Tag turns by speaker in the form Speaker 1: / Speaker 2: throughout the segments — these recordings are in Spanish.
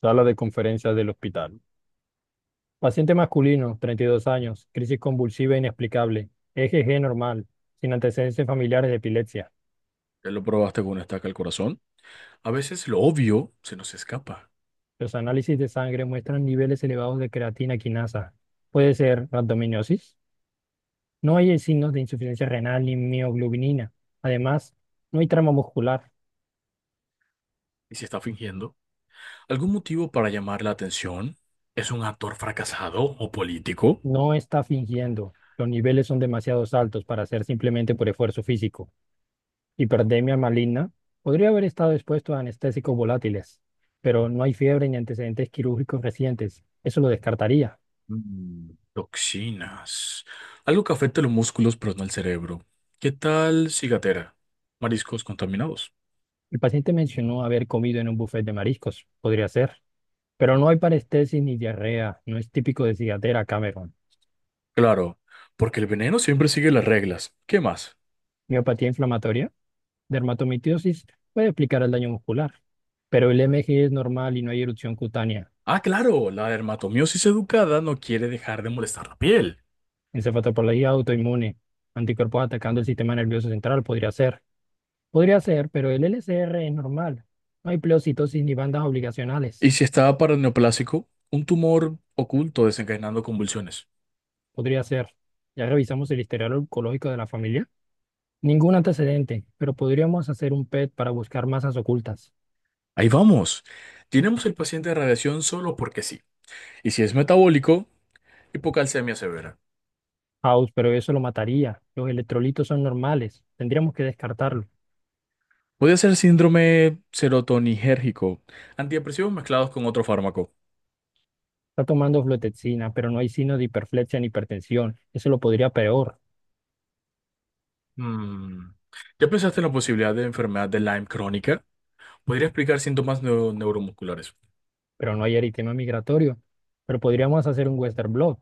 Speaker 1: Sala de conferencias del hospital. Paciente masculino, 32 años, crisis convulsiva inexplicable, EGG normal, sin antecedentes familiares de epilepsia.
Speaker 2: Ya lo probaste con una estaca al corazón. A veces lo obvio se nos escapa.
Speaker 1: Los análisis de sangre muestran niveles elevados de creatina quinasa. Puede ser rhabdomiólisis. No hay signos de insuficiencia renal ni mioglobinina. Además, no hay trama muscular.
Speaker 2: ¿Y si está fingiendo? ¿Algún motivo para llamar la atención? ¿Es un actor fracasado o político?
Speaker 1: No está fingiendo. Los niveles son demasiado altos para ser simplemente por esfuerzo físico. Hipertermia maligna podría haber estado expuesto a anestésicos volátiles, pero no hay fiebre ni antecedentes quirúrgicos recientes. Eso lo descartaría.
Speaker 2: Mm, toxinas. Algo que afecta los músculos, pero no el cerebro. ¿Qué tal cigatera? Mariscos contaminados.
Speaker 1: El paciente mencionó haber comido en un buffet de mariscos. Podría ser. Pero no hay parestesis ni diarrea. No es típico de cigatera, Cameron.
Speaker 2: Claro, porque el veneno siempre sigue las reglas. ¿Qué más?
Speaker 1: Miopatía inflamatoria, dermatomitidosis puede explicar el daño muscular. Pero el MG es normal y no hay erupción cutánea.
Speaker 2: Ah, claro, la dermatomiosis educada no quiere dejar de molestar la piel.
Speaker 1: Encefalopatía autoinmune, anticuerpos atacando el sistema nervioso central podría ser. Podría ser, pero el LCR es normal. No hay pleocitosis ni bandas obligacionales.
Speaker 2: Y si estaba paraneoplásico, un tumor oculto desencadenando convulsiones.
Speaker 1: Podría ser. Ya revisamos el historial oncológico de la familia. Ningún antecedente, pero podríamos hacer un PET para buscar masas ocultas.
Speaker 2: Ahí vamos. Tenemos el paciente de radiación solo porque sí. Y si es metabólico, hipocalcemia severa.
Speaker 1: House, pero eso lo mataría. Los electrolitos son normales. Tendríamos que descartarlo.
Speaker 2: Puede ser síndrome serotoninérgico, antidepresivos mezclados con otro fármaco.
Speaker 1: Está tomando fluoxetina, pero no hay signo de hiperflexia ni hipertensión. Eso lo podría peor,
Speaker 2: Mm. ¿Ya pensaste en la posibilidad de enfermedad de Lyme crónica? Podría explicar síntomas neuromusculares.
Speaker 1: pero no hay eritema migratorio. Pero podríamos hacer un Western blot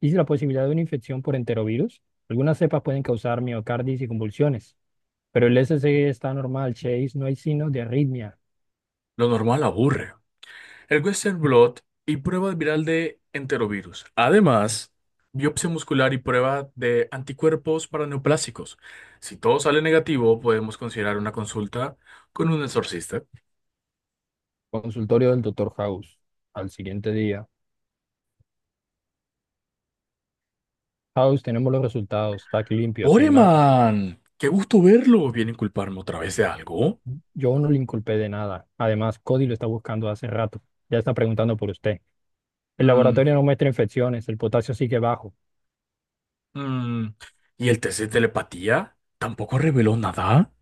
Speaker 1: y la posibilidad de una infección por enterovirus. Algunas cepas pueden causar miocarditis y convulsiones, pero el SCG está normal, Chase, no hay signos de arritmia.
Speaker 2: Lo normal aburre. El Western Blot y prueba viral de enterovirus. Además, biopsia muscular y prueba de anticuerpos para neoplásicos. Si todo sale negativo, podemos considerar una consulta con un exorcista.
Speaker 1: Consultorio del doctor House. Al siguiente día. House, tenemos los resultados, está limpio, sin más.
Speaker 2: ¡Poreman! ¡Qué gusto verlo! ¿Viene a culparme otra vez de algo?
Speaker 1: Yo no le inculpé de nada. Además, Cody lo está buscando hace rato. Ya está preguntando por usted. El
Speaker 2: Mm,
Speaker 1: laboratorio no muestra infecciones, el potasio sigue bajo.
Speaker 2: mm. ¿Y el test de telepatía? ¿Tampoco reveló nada?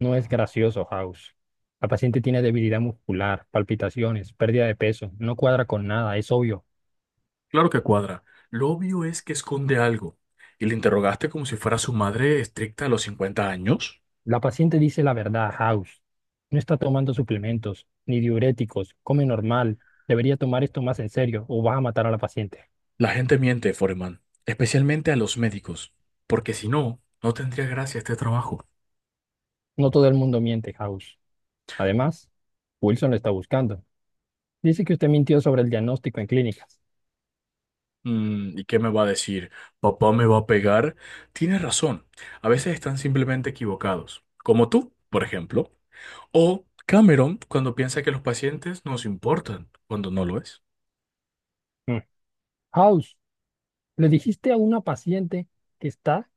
Speaker 1: No es gracioso, House. La paciente tiene debilidad muscular, palpitaciones, pérdida de peso, no cuadra con nada, es obvio.
Speaker 2: Claro que cuadra. Lo obvio es que esconde algo. ¿Y le interrogaste como si fuera su madre estricta a los 50 años?
Speaker 1: La paciente dice la verdad a House. No está tomando suplementos, ni diuréticos, come normal. Debería tomar esto más en serio o vas a matar a la paciente.
Speaker 2: La gente miente, Foreman, especialmente a los médicos, porque si no, no tendría gracia este trabajo.
Speaker 1: No todo el mundo miente, House. Además, Wilson lo está buscando. Dice que usted mintió sobre el diagnóstico en clínicas.
Speaker 2: Mm, ¿y qué me va a decir? ¿Papá me va a pegar? Tienes razón, a veces están simplemente equivocados, como tú, por ejemplo, o Cameron cuando piensa que los pacientes nos importan, cuando no lo es.
Speaker 1: Mm. House, le dijiste a una paciente que está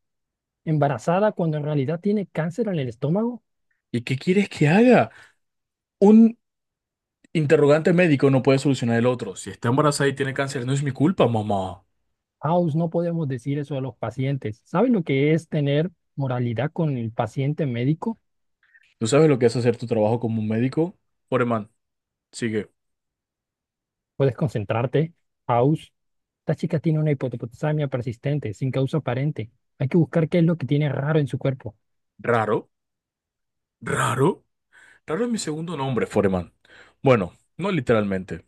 Speaker 1: embarazada cuando en realidad tiene cáncer en el estómago.
Speaker 2: ¿Y qué quieres que haga? Un interrogante médico no puede solucionar el otro. Si está embarazada y tiene cáncer, no es mi culpa, mamá.
Speaker 1: House, no podemos decir eso a los pacientes. ¿Sabe lo que es tener moralidad con el paciente médico?
Speaker 2: ¿Tú sabes lo que es hacer tu trabajo como un médico? Foreman, sigue.
Speaker 1: Puedes concentrarte, House. Esta chica tiene una hipopotasamia persistente, sin causa aparente. Hay que buscar qué es lo que tiene raro en su cuerpo.
Speaker 2: Raro. Raro. Raro es mi segundo nombre, Foreman. Bueno, no literalmente,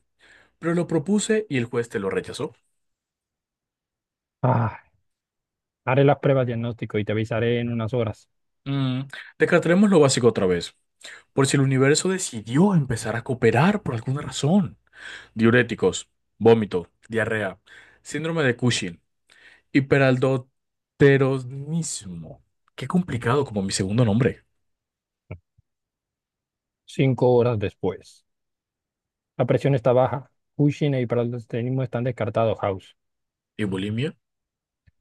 Speaker 2: pero lo propuse y el juez te lo rechazó.
Speaker 1: Ah, Haré las pruebas diagnóstico y te avisaré en unas horas.
Speaker 2: Mm, descartaremos lo básico otra vez, por si el universo decidió empezar a cooperar por alguna razón. Diuréticos, vómito, diarrea, síndrome de Cushing, hiperaldoteronismo. Qué complicado como mi segundo nombre.
Speaker 1: 5 horas después. La presión está baja. Cushing e hiperaldosteronismo están descartados, House.
Speaker 2: ¿Y bulimia?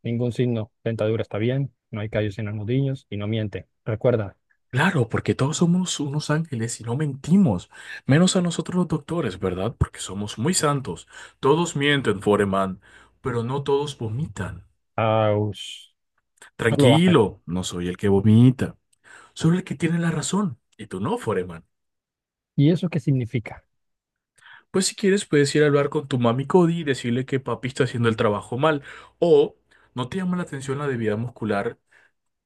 Speaker 1: Ningún signo. Dentadura está bien. No hay callos en los nudillos y no miente. Recuerda,
Speaker 2: Claro, porque todos somos unos ángeles y no mentimos, menos a nosotros los doctores, ¿verdad? Porque somos muy santos. Todos mienten, Foreman, pero no todos vomitan.
Speaker 1: House, no lo hagan.
Speaker 2: Tranquilo, no soy el que vomita, solo el que tiene la razón, y tú no, Foreman.
Speaker 1: ¿Y eso qué significa?
Speaker 2: Pues si quieres puedes ir a hablar con tu mami Cody y decirle que papi está haciendo el trabajo mal, o ¿no te llama la atención la debilidad muscular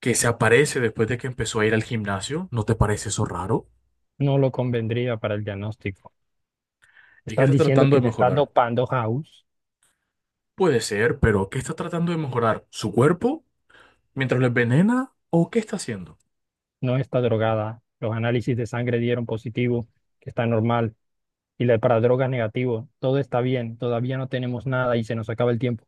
Speaker 2: que se aparece después de que empezó a ir al gimnasio? ¿No te parece eso raro?
Speaker 1: No lo convendría para el diagnóstico.
Speaker 2: ¿Y qué
Speaker 1: ¿Estás
Speaker 2: está
Speaker 1: diciendo
Speaker 2: tratando
Speaker 1: que
Speaker 2: de
Speaker 1: te estás
Speaker 2: mejorar?
Speaker 1: dopando, House?
Speaker 2: Puede ser, pero ¿qué está tratando de mejorar? ¿Su cuerpo mientras lo envenena? ¿O qué está haciendo?
Speaker 1: No está drogada. Los análisis de sangre dieron positivo, que está normal. Y la para drogas negativo. Todo está bien. Todavía no tenemos nada y se nos acaba el tiempo.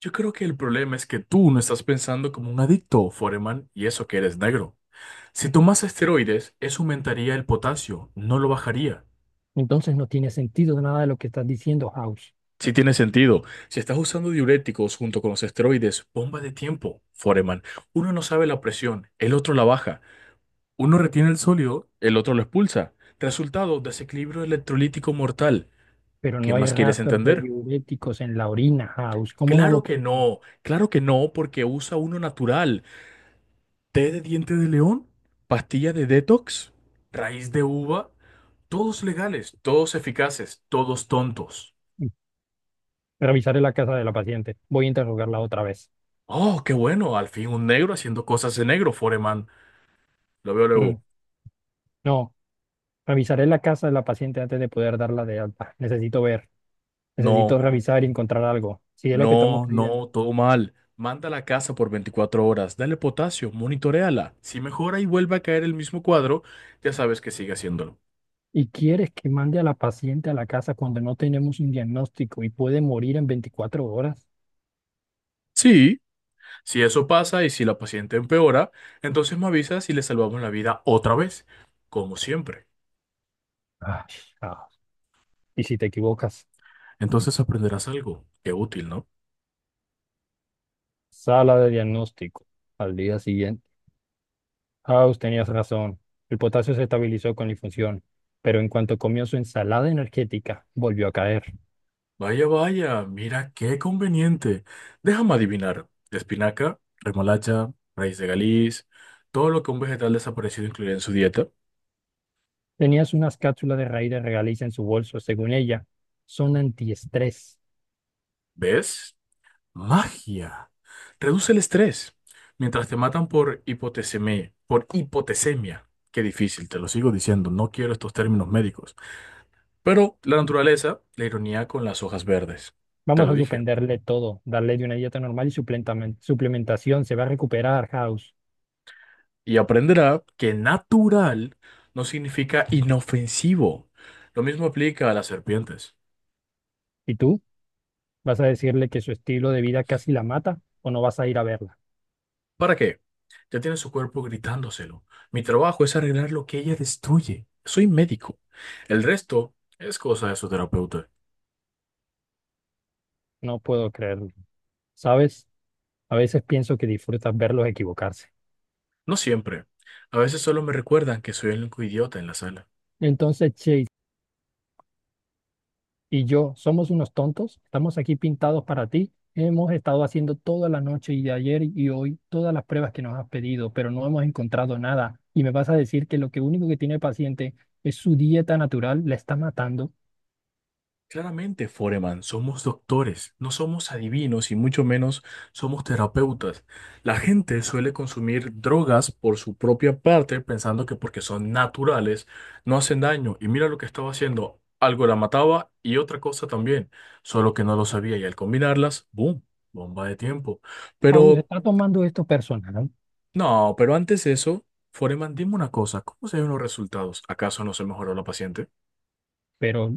Speaker 2: Yo creo que el problema es que tú no estás pensando como un adicto, Foreman, y eso que eres negro. Si tomas esteroides, eso aumentaría el potasio, no lo bajaría.
Speaker 1: Entonces no tiene sentido nada de lo que estás diciendo, House.
Speaker 2: Sí tiene sentido. Si estás usando diuréticos junto con los esteroides, bomba de tiempo, Foreman. Uno no sabe la presión, el otro la baja. Uno retiene el sólido, el otro lo expulsa. Resultado, desequilibrio electrolítico mortal.
Speaker 1: Pero
Speaker 2: ¿Qué
Speaker 1: no hay
Speaker 2: más quieres
Speaker 1: rastros de
Speaker 2: entender?
Speaker 1: diuréticos en la orina, House. ¿Cómo no lo puedes?
Speaker 2: Claro que no, porque usa uno natural. Té de diente de león, pastilla de detox, raíz de uva, todos legales, todos eficaces, todos tontos.
Speaker 1: Mm. Revisaré la casa de la paciente. Voy a interrogarla otra vez.
Speaker 2: Oh, qué bueno, al fin un negro haciendo cosas de negro, Foreman. Lo veo
Speaker 1: Mm.
Speaker 2: luego.
Speaker 1: No, revisaré la casa de la paciente antes de poder darla de alta. Necesito ver. Necesito
Speaker 2: No,
Speaker 1: revisar y encontrar algo, si es lo que estamos
Speaker 2: no,
Speaker 1: creyendo.
Speaker 2: no, todo mal. Mándala a casa por 24 horas, dale potasio, monitoréala. Si mejora y vuelve a caer el mismo cuadro, ya sabes que sigue haciéndolo.
Speaker 1: Y quieres que mande a la paciente a la casa cuando no tenemos un diagnóstico y puede morir en 24 horas.
Speaker 2: Sí. Si eso pasa y si la paciente empeora, entonces me avisas y le salvamos la vida otra vez, como siempre.
Speaker 1: Ay, ah, y si te equivocas,
Speaker 2: Entonces aprenderás algo. Qué útil, ¿no?
Speaker 1: sala de diagnóstico al día siguiente. House, tenías razón. El potasio se estabilizó con la infusión, pero en cuanto comió su ensalada energética, volvió a caer.
Speaker 2: Vaya, vaya, mira qué conveniente. Déjame adivinar. Espinaca, remolacha, raíz de galiz, todo lo que un vegetal desaparecido incluiría en su dieta.
Speaker 1: Tenías unas cápsulas de raíz de regaliz en su bolso, según ella, son antiestrés.
Speaker 2: ¿Ves? Magia. Reduce el estrés. Mientras te matan por hipotesemia, por hipotesemia. Qué difícil, te lo sigo diciendo, no quiero estos términos médicos. Pero la naturaleza, la ironía con las hojas verdes. Te
Speaker 1: Vamos
Speaker 2: lo
Speaker 1: a
Speaker 2: dije.
Speaker 1: suspenderle todo, darle de una dieta normal y suplementación. Se va a recuperar, House.
Speaker 2: Y aprenderá que natural no significa inofensivo. Lo mismo aplica a las serpientes.
Speaker 1: ¿Y tú? ¿Vas a decirle que su estilo de vida casi la mata o no vas a ir a verla?
Speaker 2: ¿Para qué? Ya tiene su cuerpo gritándoselo. Mi trabajo es arreglar lo que ella destruye. Soy médico. El resto es cosa de su terapeuta.
Speaker 1: No puedo creerlo. ¿Sabes? A veces pienso que disfrutas verlos equivocarse.
Speaker 2: No siempre. A veces solo me recuerdan que soy el único idiota en la sala.
Speaker 1: Entonces, Chase y yo somos unos tontos. Estamos aquí pintados para ti. Hemos estado haciendo toda la noche y de ayer y hoy todas las pruebas que nos has pedido, pero no hemos encontrado nada. Y me vas a decir que lo que único que tiene el paciente es su dieta natural, la está matando.
Speaker 2: Claramente, Foreman, somos doctores, no somos adivinos y mucho menos somos terapeutas. La gente suele consumir drogas por su propia parte pensando que porque son naturales no hacen daño. Y mira lo que estaba haciendo, algo la mataba y otra cosa también, solo que no lo sabía y al combinarlas, ¡boom! Bomba de tiempo.
Speaker 1: Aún se
Speaker 2: Pero,
Speaker 1: está tomando esto personal.
Speaker 2: no, pero antes de eso, Foreman, dime una cosa, ¿cómo se ven los resultados? ¿Acaso no se mejoró la paciente?
Speaker 1: Pero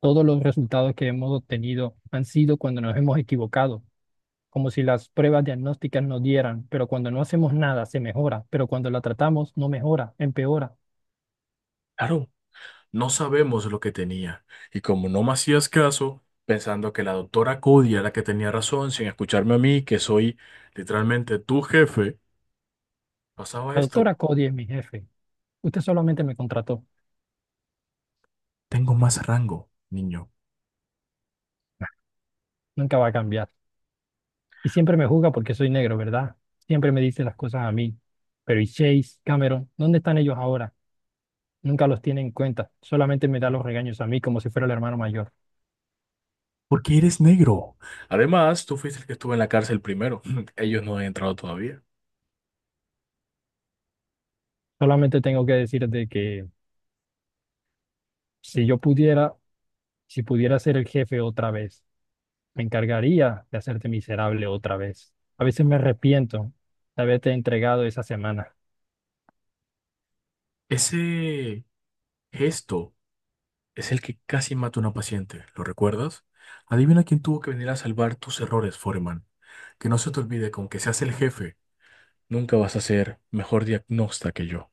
Speaker 1: todos los resultados que hemos obtenido han sido cuando nos hemos equivocado, como si las pruebas diagnósticas nos dieran, pero cuando no hacemos nada se mejora, pero cuando la tratamos no mejora, empeora.
Speaker 2: Claro. No sabemos lo que tenía, y como no me hacías caso, pensando que la doctora Cody era la que tenía razón, sin escucharme a mí, que soy literalmente tu jefe, pasaba
Speaker 1: La
Speaker 2: esto.
Speaker 1: doctora Cody es mi jefe. Usted solamente me contrató,
Speaker 2: Tengo más rango, niño,
Speaker 1: nunca va a cambiar. Y siempre me juzga porque soy negro, ¿verdad? Siempre me dice las cosas a mí. Pero ¿y Chase, Cameron? ¿Dónde están ellos ahora? Nunca los tiene en cuenta, solamente me da los regaños a mí como si fuera el hermano mayor.
Speaker 2: porque eres negro. Además, tú fuiste el que estuvo en la cárcel primero. Ellos no han entrado todavía.
Speaker 1: Solamente tengo que decirte que si yo pudiera, si pudiera ser el jefe otra vez, me encargaría de hacerte miserable otra vez. A veces me arrepiento de haberte entregado esa semana.
Speaker 2: Ese gesto es el que casi mata a una paciente, ¿lo recuerdas? Adivina quién tuvo que venir a salvar tus errores, Foreman. Que no se te olvide, con que seas el jefe. Nunca vas a ser mejor diagnóstica que yo.